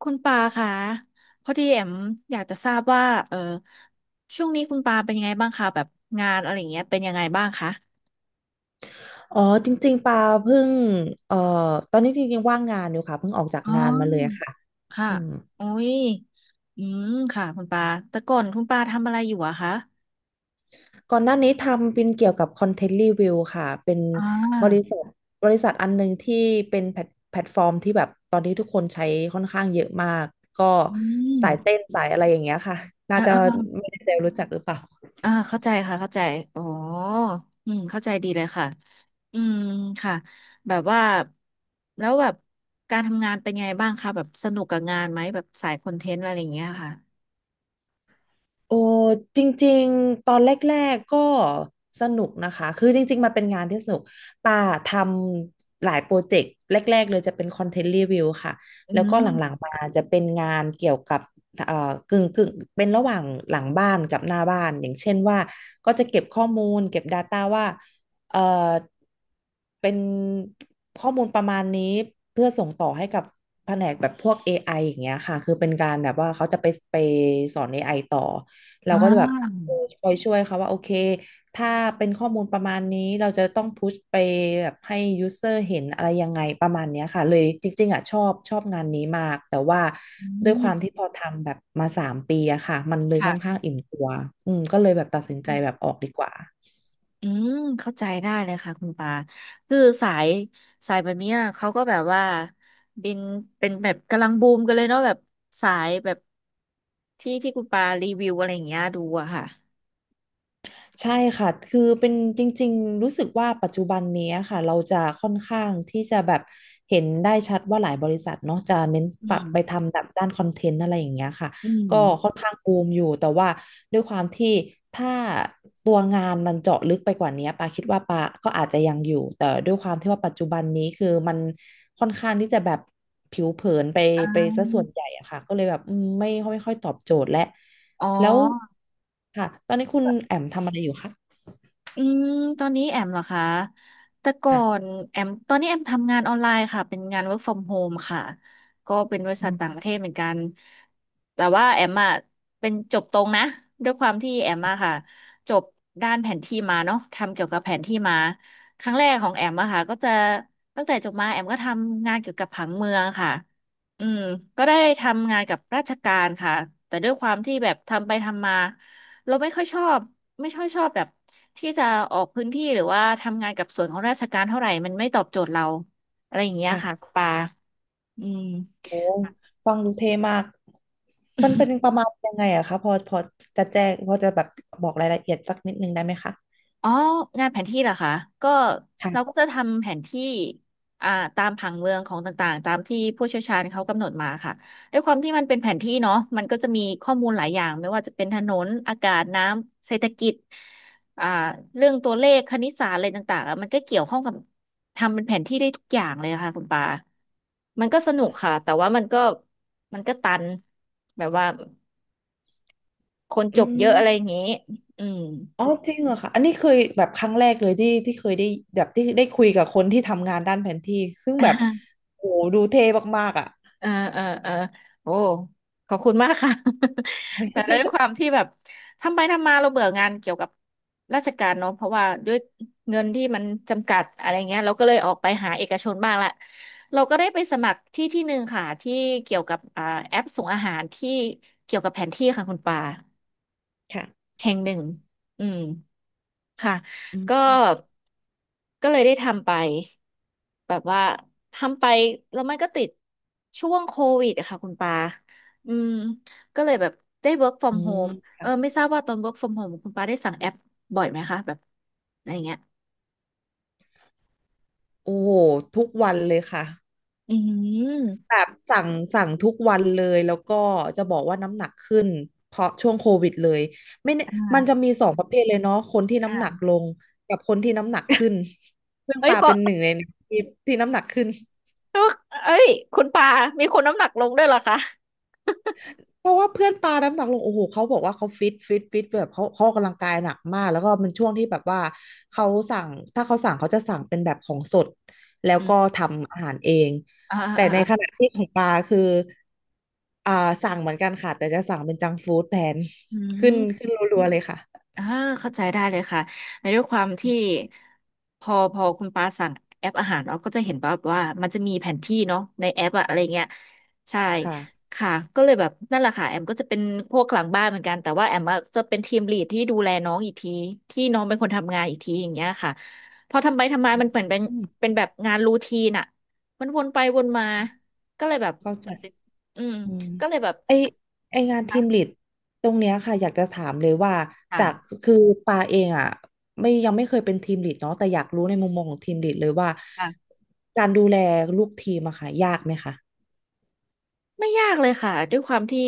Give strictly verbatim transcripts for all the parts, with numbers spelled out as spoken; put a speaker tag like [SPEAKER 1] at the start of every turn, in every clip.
[SPEAKER 1] คุณปาคะพอดีแอมอยากจะทราบว่าเออช่วงนี้คุณปาเป็นยังไงบ้างคะแบบงานอะไรอย่างเงี้ยเป็นยังไงบ้างคะ
[SPEAKER 2] อ๋อจริงๆปาเพิ่งเอ่อตอนนี้จริงๆว่างงานอยู่ค่ะเพิ่งออกจาก
[SPEAKER 1] อ๋อ
[SPEAKER 2] งานมาเลยค่ะ
[SPEAKER 1] ค่ะ
[SPEAKER 2] อืม
[SPEAKER 1] อุ้ยอืมค่ะคุณปาแต่ก่อนคุณปาทำอะไรอยู่อะคะ
[SPEAKER 2] ก่อนหน้านี้ทำเป็นเกี่ยวกับคอนเทนต์รีวิวค่ะเป็น
[SPEAKER 1] อ่
[SPEAKER 2] บริ
[SPEAKER 1] า
[SPEAKER 2] ษัทบริษัทอันหนึ่งที่เป็นแพลตแพลตฟอร์มที่แบบตอนนี้ทุกคนใช้ค่อนข้างเยอะมากก็
[SPEAKER 1] อืม
[SPEAKER 2] สายเต้นสายอะไรอย่างเงี้ยค่ะน่า
[SPEAKER 1] เออ
[SPEAKER 2] จะ
[SPEAKER 1] เออเออ
[SPEAKER 2] ไม่แน่ใจรู้จักหรือเปล่า
[SPEAKER 1] อ่าเข้าใจค่ะเข้าใจอ๋ออืมเข้าใจดีเลยค่ะอืมค่ะแบบว่าแล้วแบบการทำงานเป็นไงบ้างคะแบบสนุกกับงานไหมแบบสายคอนเทนต์อะไรอย่างเงี้ยค่ะ
[SPEAKER 2] โอ้จริงๆตอนแรกๆก็สนุกนะคะคือจริงๆมันเป็นงานที่สนุกป่าทำหลายโปรเจกต์แรกๆเลยจะเป็นคอนเทนต์รีวิวค่ะ
[SPEAKER 1] อื
[SPEAKER 2] แล้วก็หลังๆ
[SPEAKER 1] ม
[SPEAKER 2] มาจะเป็นงานเกี่ยวกับเอ่อกึ่งกึ่งเป็นระหว่างหลังบ้านกับหน้าบ้านอย่างเช่นว่าก็จะเก็บข้อมูลเก็บ Data ว่าเอ่อเป็นข้อมูลประมาณนี้เพื่อส่งต่อให้กับแผนกแบบพวก เอ ไอ อไออย่างเงี้ยค่ะคือเป็นการแบบว่าเขาจะไปไปสอนเอไอต่อ เรา
[SPEAKER 1] อ่า
[SPEAKER 2] ก็จะแบบคอยช่วยเขาว่าโอเคถ้าเป็นข้อมูลประมาณนี้เราจะต้องพุชไปแบบให้ยูเซอร์เห็นอะไรยังไงประมาณเนี้ยค่ะเลยจริงๆอ่ะชอบชอบงานนี้มากแต่ว่า
[SPEAKER 1] อื
[SPEAKER 2] ด้วยความ
[SPEAKER 1] ม
[SPEAKER 2] ที่พอทำแบบมาสามปีอะค่ะมันเลยค่อนข้า
[SPEAKER 1] ค่ะ
[SPEAKER 2] งอิ่มตัวอืมก็เลยแบบตัดสินใจแบบออกดีกว่า
[SPEAKER 1] อืม เข้าใจได้เลยค่ะคุณปา คือสายสายแบบเนี้ยเขาก็แบบว่าเป็นเป็นแบบกำลังบูมกันเลยเนาะแบบสายแบบที่ที่คุณปารีวิวอะไรอย่างเงี้ยดูอะค่ะ
[SPEAKER 2] ใช่ค่ะคือเป็นจริงๆรู้สึกว่าปัจจุบันนี้ค่ะเราจะค่อนข้างที่จะแบบเห็นได้ชัดว่าหลายบริษัทเนาะจะเน้น
[SPEAKER 1] อื
[SPEAKER 2] ปัก
[SPEAKER 1] ม
[SPEAKER 2] ไปทำแบบด้านคอนเทนต์อะไรอย่างเงี้ยค่ะ
[SPEAKER 1] อืม
[SPEAKER 2] ก็ค่อนข้างบูมอยู่แต่ว่าด้วยความที่ถ้าตัวงานมันเจาะลึกไปกว่านี้ปาคิดว่าปาก็อาจจะยังอยู่แต่ด้วยความที่ว่าปัจจุบันนี้คือมันค่อนข้างที่จะแบบผิวเผินไปไปซะส่วนใหญ่อะค่ะก็เลยแบบอืมไม่ไม่ค่อยตอบโจทย์และ
[SPEAKER 1] อ๋
[SPEAKER 2] แล้ว
[SPEAKER 1] อ
[SPEAKER 2] ค่ะตอนนี้คุณแอมทำอะไรอยู่คะ
[SPEAKER 1] อืมตอนนี้แอมเหรอคะแต่ก่อ
[SPEAKER 2] อ่ะ
[SPEAKER 1] นแอมตอนนี้แอมทำงานออนไลน์ค่ะเป็นงาน work from home ค่ะก็เป็นบริ
[SPEAKER 2] อื
[SPEAKER 1] ษัท
[SPEAKER 2] ม
[SPEAKER 1] ต่างประเทศเหมือนกันแต่ว่าแอมอะเป็นจบตรงนะด้วยความที่แอมอะค่ะจบด้านแผนที่มาเนาะทำเกี่ยวกับแผนที่มาครั้งแรกของแอมอะค่ะก็จะตั้งแต่จบมาแอมก็ทำงานเกี่ยวกับผังเมืองค่ะอืมก็ได้ทำงานกับราชการค่ะแต่ด้วยความที่แบบทำไปทำมา เราไม่ค่อยชอบไม่ค่อยชอบแบบที่จะออกพื้นที่หรือว่าทำงานกับส่วนของราชการเท่าไหร่มันไม่ตอบโจทย์เราอะไรอย่างเงี้ยค่ะ
[SPEAKER 2] ค่ะ
[SPEAKER 1] ปาอืม
[SPEAKER 2] โอ้ฟังดูเท่มากมันเป็นประมาณยังไงอะคะพอพอจะแจ้งพอจะแบบบอกรายละเอียดสักนิดนึงได้ไหมคะ
[SPEAKER 1] อ๋องานแผนที่เหรอคะก็เราก็
[SPEAKER 2] ค่ะ
[SPEAKER 1] จะทำแผนที่อ่าตามผังเมืองของต่างๆตามที่ผู้เชี่ยวชาญเขากำหนดมาค่ะด้วยความที่มันเป็นแผนที่เนาะมันก็จะมีข้อมูลหลายอย่างไม่ว่าจะเป็นถนนอากาศน้ำเศรษฐกิจอ่าเรื่องตัวเลขคณิตศาสตร์อะไรต่างๆอะมันก็เกี่ยวข้องกับทำเป็นแผนที่ได้ทุกอย่างเลยค่ะคุณปามันก็สนุกค่ะแต่ว่ามันก็มันก็ตันแบบว่าคน
[SPEAKER 2] อื
[SPEAKER 1] จบเยอะอะไรอย่า
[SPEAKER 2] ม
[SPEAKER 1] งนี้อืม
[SPEAKER 2] อ๋อจริงเหรอคะอันนี้เคยแบบครั้งแรกเลยที่ที่เคยได้แบบที่ได้คุยกับคนที่ทำงานด้านแผนที่ซึ่งแบบโอ้โหดูเท่มากๆอ่ะ
[SPEAKER 1] เออเออเออโอ้ขอบคุณมากค่ะ แต่ด้วยความที่แบบทำไปทำมาเราเบื่องานเกี่ยวกับราชการเนาะเพราะว่าด้วยเงินที่มันจำกัดอะไรเงี้ยเราก็เลยออกไปหาเอกชนบ้างละเราก็ได้ไปสมัครที่ที่หนึ่งค่ะที่เกี่ยวกับอ่าแอปส่งอาหารที่เกี่ยวกับแผนที่ค่ะคุณปา
[SPEAKER 2] ค่ะ
[SPEAKER 1] แห่งหนึ่งอืม ค่ะ
[SPEAKER 2] อื
[SPEAKER 1] ก็
[SPEAKER 2] ม
[SPEAKER 1] ก็เลยได้ทำไป แบบว่า ทำไป แล้วมันก็ติดช่วงโควิดอะค่ะคุณปาอืมก็เลยแบบได้ work
[SPEAKER 2] อื
[SPEAKER 1] from
[SPEAKER 2] ม
[SPEAKER 1] home เออ
[SPEAKER 2] ค่ะ
[SPEAKER 1] ไม่ทราบว่าตอน work from home คุณปาได้สั่งแอปบ่อยไหมคะแบบอะไรเงี้ย
[SPEAKER 2] โอ้โหทุกวันเลยค่ะ
[SPEAKER 1] อื
[SPEAKER 2] แบ
[SPEAKER 1] ม
[SPEAKER 2] บสั่งสั่งทุกวันเลยแล้วก็จะบอกว่าน้ำหนักขึ้นเพราะช่วงโควิดเลยไม่แน่
[SPEAKER 1] อ่
[SPEAKER 2] มันจะ
[SPEAKER 1] า
[SPEAKER 2] มีสองประเภทเลยเนาะคนที่น้ำหนักล
[SPEAKER 1] อ่า
[SPEAKER 2] งกับคนที่น้ำหนักขึ้นซึ่ง
[SPEAKER 1] เอ้ย
[SPEAKER 2] ปา
[SPEAKER 1] ขอ
[SPEAKER 2] เป็นหนึ่งในที่ที่น้ำหนักขึ้น
[SPEAKER 1] เอ้ย คุณปามีคนน้ำหนักลงด้วยเหรอคะ
[SPEAKER 2] เพราะว่าเพื่อนปาน้ำหนักลงโอ้โหเขาบอกว่าเขาฟิตฟิตฟิตแบบเขาเขาออกกำลังกายหนักมากแล้วก็มันช่วงที่แบบว่าเขาสั่งถ้าเขาสั่งเขาจะสั่งเป็นแบบของสดแล้ว
[SPEAKER 1] อื
[SPEAKER 2] ก็
[SPEAKER 1] ม
[SPEAKER 2] ทำอาหารเอง
[SPEAKER 1] อ่า
[SPEAKER 2] แต่
[SPEAKER 1] อ่า
[SPEAKER 2] ใน
[SPEAKER 1] อ่า
[SPEAKER 2] ขณะที่ของปาคืออ่าสั่งเหมือนกันค่ะแต่จะสั่งเป็นจังก์ฟู้ดแทน
[SPEAKER 1] อื
[SPEAKER 2] ขึ้น
[SPEAKER 1] ม
[SPEAKER 2] ขึ้นรัวๆเลยค่ะ
[SPEAKER 1] อ่าเข้าใจได้เลยค่ะในด้วยความที่พอพอคุณปาสั่งแอปอาหารเราก็จะเห็นแบบว่ามันจะมีแผนที่เนาะในแอปอะอะไรเงี้ยใช่
[SPEAKER 2] ค่ะ
[SPEAKER 1] ค่ะก็เลยแบบนั่นแหละค่ะแอมก็จะเป็นพวกหลังบ้านเหมือนกันแต่ว่าแอมอะจะเป็นทีมลีดที่ดูแลน้องอีกทีที่น้องเป็นคนทำงานอีกทีอย่างเงี้ยค่ะพอทำไปทำมามันเหมือนเป็
[SPEAKER 2] อื
[SPEAKER 1] น
[SPEAKER 2] ม
[SPEAKER 1] เป็นแบบงานรูทีนอะมันวนไปวนมาก็เลยแบบ
[SPEAKER 2] เข้าใจ
[SPEAKER 1] อืม
[SPEAKER 2] อืม
[SPEAKER 1] ก็เลยแบบ
[SPEAKER 2] ไอไองานทีมลี
[SPEAKER 1] ค่ะ
[SPEAKER 2] ดตรงเนี้ยค่ะอยากจะถามเลยว่าจาก
[SPEAKER 1] ค่
[SPEAKER 2] คือปาเองอ่ะไม่ยังไม่เคยเป็นทีมลีดเนาะแต่อยากรู้ในมุมมองของทีมลีดเลยว่า
[SPEAKER 1] ะ
[SPEAKER 2] การดูแลลูกทีมอะค่ะยากไหมคะ
[SPEAKER 1] ไม่ยากเลยค่ะด้วยความที่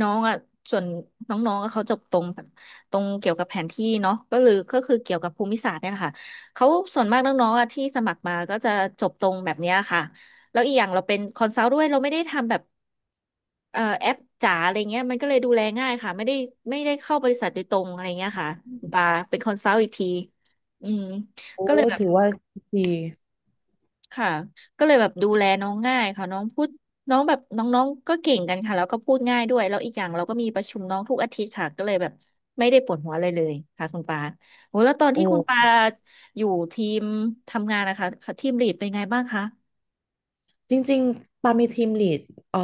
[SPEAKER 1] น้องอ่ะส่วนน้องๆอะเขาจบตรงแบบตรงเกี่ยวกับแผนที่เนาะก็เลยก็คือเกี่ยวกับภูมิศาสตร์เนี่ยแหละค่ะเขาส่วนมากน้องๆอ่ะที่สมัครมาก็จะจบตรงแบบเนี้ยค่ะแล้วอีกอย่างเราเป็นคอนซัลท์ด้วยเราไม่ได้ทำแบบเอ่อแอปจ๋าอะไรเงี้ยมันก็เลยดูแลง่ายค่ะไม่ได้ไม่ได้เข้าบริษัทโดยตรงอะไรเงี้ยค่ะมาเป็นคอนซัลท์อีกทีอืม
[SPEAKER 2] โอ้ถือว่าดี
[SPEAKER 1] ค่ะก็เลยแบบดูแลน้องง่ายค่ะน้องพูดน้องแบบน้องๆก็เก่งกันค่ะแล้วก็พูดง่ายด้วยแล้วอีกอย่างเราก็มีประชุมน้องทุกอาทิตย์ค่ะก็เลยแบบไม่ได้ปวดหัวอะไรเลยค่ะคุณปาโหแล้วตอน
[SPEAKER 2] โ
[SPEAKER 1] ที่คุณปา
[SPEAKER 2] อ้
[SPEAKER 1] อยู่ทีมทำงานนะคะค่ะทีมลีดเป็นไงบ้างคะ
[SPEAKER 2] จริงๆปามีทีมลีดเอ่อ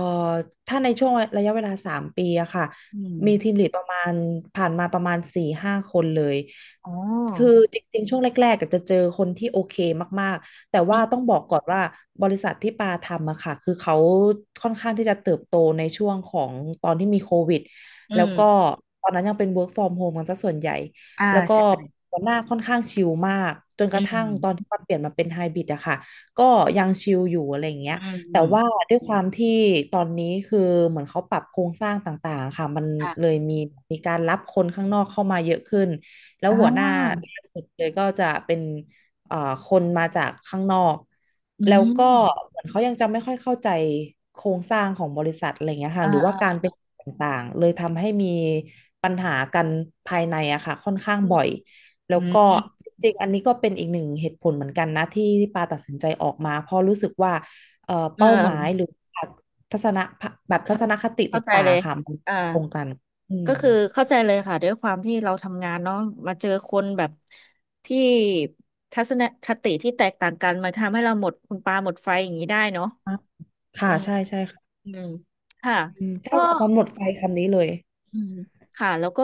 [SPEAKER 2] ถ้าในช่วงระยะเวลาสามปีอะค่ะ
[SPEAKER 1] อืม
[SPEAKER 2] มีทีมลีดประมาณผ่านมาประมาณสี่ห้าคนเลย
[SPEAKER 1] อ๋อ
[SPEAKER 2] คือจริงๆช่วงแรกๆก็จะเจอคนที่โอเคมากๆแต่
[SPEAKER 1] อื
[SPEAKER 2] ว่าต้อง
[SPEAKER 1] ม
[SPEAKER 2] บอกก่อนว่าบริษัทที่ปาทำอะค่ะคือเขาค่อนข้างที่จะเติบโตในช่วงของตอนที่มีโควิด
[SPEAKER 1] อื
[SPEAKER 2] แล้ว
[SPEAKER 1] ม
[SPEAKER 2] ก็ตอนนั้นยังเป็น work from home กันซะส่วนใหญ่
[SPEAKER 1] อ่า
[SPEAKER 2] แล้วก็
[SPEAKER 1] ใช่
[SPEAKER 2] หัวหน้าค่อนข้างชิลมากจนก
[SPEAKER 1] อื
[SPEAKER 2] ระทั่ง
[SPEAKER 1] ม
[SPEAKER 2] ตอนที่มันเปลี่ยนมาเป็นไฮบริดอะค่ะ ก็ยังชิลอยู่อะไรอย่างเงี้ย
[SPEAKER 1] อืมอื
[SPEAKER 2] แต่
[SPEAKER 1] ม
[SPEAKER 2] ว่าด้วยความที่ตอนนี้คือเหมือนเขาปรับโครงสร้างต่างๆค่ะมันเล
[SPEAKER 1] ค่ะ
[SPEAKER 2] ยมีมีการรับคนข้างนอกเข้ามาเยอะขึ้นแล้ว
[SPEAKER 1] อ่
[SPEAKER 2] หัวหน้า
[SPEAKER 1] า
[SPEAKER 2] ล่าสุดเลยก็จะเป็นเอ่อคนมาจากข้างนอก
[SPEAKER 1] อื
[SPEAKER 2] แล้ว
[SPEAKER 1] ม
[SPEAKER 2] ก็เหมือนเขายังจะไม่ค่อยเข้าใจโครงสร้างของบริษัทอะไรเงี้ยค่ะ
[SPEAKER 1] อ่า
[SPEAKER 2] หรือว่าการ
[SPEAKER 1] อ่า
[SPEAKER 2] เป็นต่างๆเลยทำให้มีปัญหากันภายในอะค่ะค่อนข้าง
[SPEAKER 1] อืม
[SPEAKER 2] บ่อย แล้
[SPEAKER 1] อื
[SPEAKER 2] วก็
[SPEAKER 1] ม
[SPEAKER 2] จริงๆอันนี้ก็เป็นอีกหนึ่งเหตุผลเหมือนกันนะที่ปาตัดสินใจออกมาเพราะรู้สึกว่าเอ่อ
[SPEAKER 1] เออ
[SPEAKER 2] เป้าหมายหรือทัศนะแบบทั
[SPEAKER 1] เข้า
[SPEAKER 2] ศนคติ
[SPEAKER 1] เข้าใจ
[SPEAKER 2] ต่า
[SPEAKER 1] เล
[SPEAKER 2] ง
[SPEAKER 1] ย
[SPEAKER 2] ๆค่ะมัน
[SPEAKER 1] อ่า
[SPEAKER 2] ตรงกันอืม
[SPEAKER 1] ก็คือเข้าใจเลยค่ะด้วยความที่เราทำงานเนาะมาเจอคนแบบที่ทัศนคติที่แตกต่างกันมาทำให้เราหมดคุณปลาหมดไฟอย่างนี้ได้เนาะ
[SPEAKER 2] อ่ะ
[SPEAKER 1] อื
[SPEAKER 2] ค่ะ
[SPEAKER 1] ม
[SPEAKER 2] ใช่ใช่ค่ะ
[SPEAKER 1] อืมค่ะ
[SPEAKER 2] อืมใช่
[SPEAKER 1] ก็
[SPEAKER 2] มันหมดไฟคำนี้เลย
[SPEAKER 1] อืมค่ะแล้วก็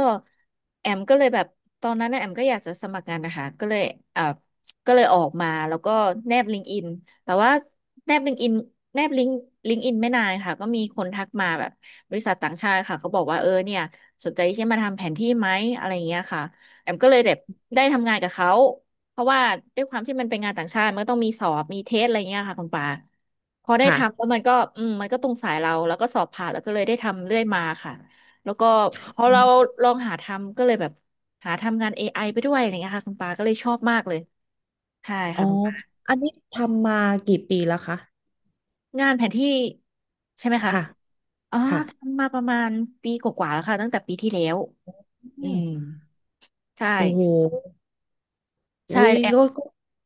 [SPEAKER 1] แอมก็เลยแบบตอนนั้นนะแอมก็อยากจะสมัครงานนะคะก็เลยเอ่าก็เลยออกมาแล้วก็แนบลิงก์อินแต่ว่าแนบลิงก์อินแนบลิงก์ลิงก์อินไม่นานค่ะก็มีคนทักมาแบบบริษัทต่างชาติค่ะเขาบอกว่าเออเนี่ยสนใจที่จะมาทำแผนที่ไหมอะไรอย่างเงี้ยค่ะแอมก็เลยแบบได้ทำงานกับเขาเพราะว่าด้วยความที่มันเป็นงานต่างชาติมันก็ต้องมีสอบมีเทสอะไรเงี้ยค่ะคุณปาพอได้
[SPEAKER 2] ค่ะ
[SPEAKER 1] ทำแล้วมันก็อืมมันก็ตรงสายเราแล้วก็สอบผ่านแล้วก็เลยได้ทำเรื่อยมาค่ะ แล้วก็พอ
[SPEAKER 2] อื
[SPEAKER 1] เรา
[SPEAKER 2] ม
[SPEAKER 1] ลองหาทำก็เลยแบบหาทำงาน เอ ไอ ไอไปด้วยอะไรเงี้ยค่ะคุณปาก็เลยชอบมากเลยใช่
[SPEAKER 2] อ๋อ
[SPEAKER 1] ค่ะคุณปา
[SPEAKER 2] อันนี้ทำมากี่ปีแล้วคะ
[SPEAKER 1] งานแผนที่ใช่ไหมคะ
[SPEAKER 2] ค่ะ
[SPEAKER 1] อ๋อ
[SPEAKER 2] ค่ะ
[SPEAKER 1] ทำมาประมาณปีกว่าๆแล้วค่ะตั้งแต่ปีที่แล้วอืมใช่
[SPEAKER 2] โอ้โหอุ้
[SPEAKER 1] ใช่
[SPEAKER 2] ย
[SPEAKER 1] แอม
[SPEAKER 2] ก็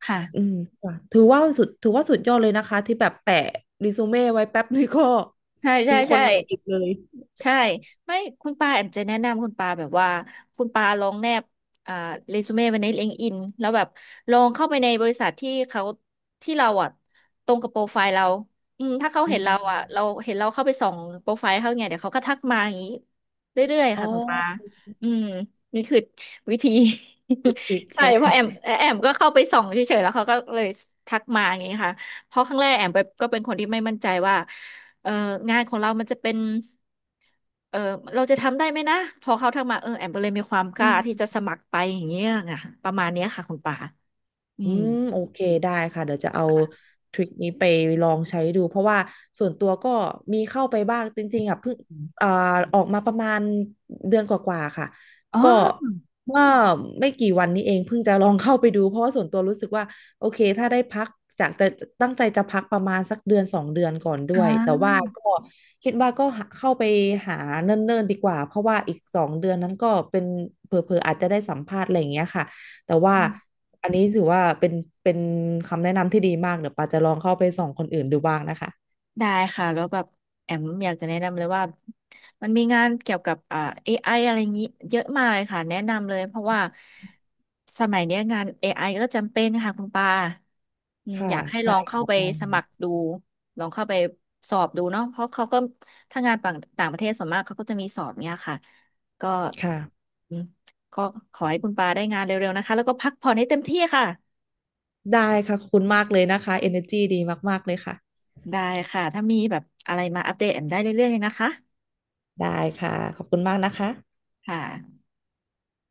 [SPEAKER 1] ค่ะ
[SPEAKER 2] อืมค่ะถือว่าสุดถือว่าสุดยอดเลยนะคะที่แบบแปะรีซูเม่ไว้แป๊บนึงก็
[SPEAKER 1] ใช่ใช่
[SPEAKER 2] มีคน
[SPEAKER 1] ใช่
[SPEAKER 2] มาจีบเลย
[SPEAKER 1] ใช่ไม่คุณปาแอมจะแนะนำคุณปาแบบว่าคุณปาลองแนบอ่าเรซูเม่ไว้ใน l i ง k e d n แล้วแบบลองเข้าไปในบริษัทที่เขาที่เราอ่ะตรงกับโปรไฟล์เราอืมถ้าเขา
[SPEAKER 2] อื
[SPEAKER 1] เห็นเราอ่ะเรา
[SPEAKER 2] ม
[SPEAKER 1] เห็นเราเข้าไปส่องโปรไฟล์เขาไงเดี๋ยวเขาก็ทักมาอย่างนี้เรื่อยๆ
[SPEAKER 2] อ๋อ
[SPEAKER 1] ค่ะคุณปาอืมนี่คือวิธี
[SPEAKER 2] ติด
[SPEAKER 1] ใช่
[SPEAKER 2] ใช่ไหม
[SPEAKER 1] เพราะแอมแอมก็เข้าไปส่องเฉยๆแล้วเขาก็เลยทักมาอย่างนี้ค่ะเพราะครั้งแรกแอมไปก็เป็นคนที่ไม่มั่นใจว่าเอองานของเรามันจะเป็น เออเราจะทำได้ไหมนะพอเขาทักมาเออแอมก็เลยมีความก
[SPEAKER 2] อื
[SPEAKER 1] ล้าที่
[SPEAKER 2] ม
[SPEAKER 1] จะสมัครไปอย่างเงี้ยไงประมาณเนี้ยค่ะคุณป่าอื
[SPEAKER 2] อื
[SPEAKER 1] ม
[SPEAKER 2] มโอเคได้ค่ะเดี๋ยวจะเอา
[SPEAKER 1] ค่ะ
[SPEAKER 2] ทริคนี้ไปลองใช้ดูเพราะว่าส่วนตัวก็มีเข้าไปบ้างจริงๆอ่ะเพิ่ง
[SPEAKER 1] อม
[SPEAKER 2] อ่าออกมาประมาณเดือนกว่าๆค่ะ
[SPEAKER 1] อ๋อ
[SPEAKER 2] ก็เมื่อไม่กี่วันนี้เองเพิ่งจะลองเข้าไปดูเพราะว่าส่วนตัวรู้สึกว่าโอเคถ้าได้พักจากแต่ตั้งใจจะพักประมาณสักเดือนสองเดือนก่อนด้
[SPEAKER 1] อ่
[SPEAKER 2] วยแต่
[SPEAKER 1] า
[SPEAKER 2] ว่าก็คิดว่าก็หาเข้าไปหาเนิ่นๆดีกว่าเพราะว่าอีกสองเดือนนั้นก็เป็นเผลอๆอาจจะได้สัมภาษณ์อะไรอย่างเงี้ยค่ะ แต่ว่าอันนี้ถือว่าเป็นเป็นคำแนะนำที่ดีมากเดี๋ยวปาจะลองเข้าไปส่องคนอื่นดูบ้างนะคะ
[SPEAKER 1] ได้ค่ะแล้วแบบแอมอยากจะแนะนำเลยว่ามันมีงานเกี่ยวกับอ่า เอ ไอ อไออะไรอย่างนี้เยอะมากเลยค่ะแนะนำเลยเพราะว่าสมัยเนี้ยงาน เอ ไอ ก็จำเป็นค่ะคุณปาอืม
[SPEAKER 2] ค่ะ
[SPEAKER 1] อยากให้ล
[SPEAKER 2] ใช่
[SPEAKER 1] องเข้า
[SPEAKER 2] ค่ะ
[SPEAKER 1] ไป
[SPEAKER 2] ใช่
[SPEAKER 1] สมัครดูลองเข้าไปสอบดูเนาะเพราะเขาก็ถ้างานต่างต่างประเทศส่วนมากเขาก็จะมีสอบเนี้ยค่ะก็
[SPEAKER 2] ค่ะ
[SPEAKER 1] อืมก็ขอให้คุณปาได้งานเร็วๆนะคะแล้วก็พักผ่อนให้เต็มที่ค่ะ
[SPEAKER 2] ได้ค่ะขอบคุณมากเลยนะคะเอ e r จีดีมากๆเลยค่ะ
[SPEAKER 1] ได้ค่ะถ้ามีแบบอะไรมาอัปเดตแอมได้เรื่อยๆเลยนะคะ
[SPEAKER 2] ได้ค่ะขอบคุณมากนะคะ
[SPEAKER 1] ค่ะ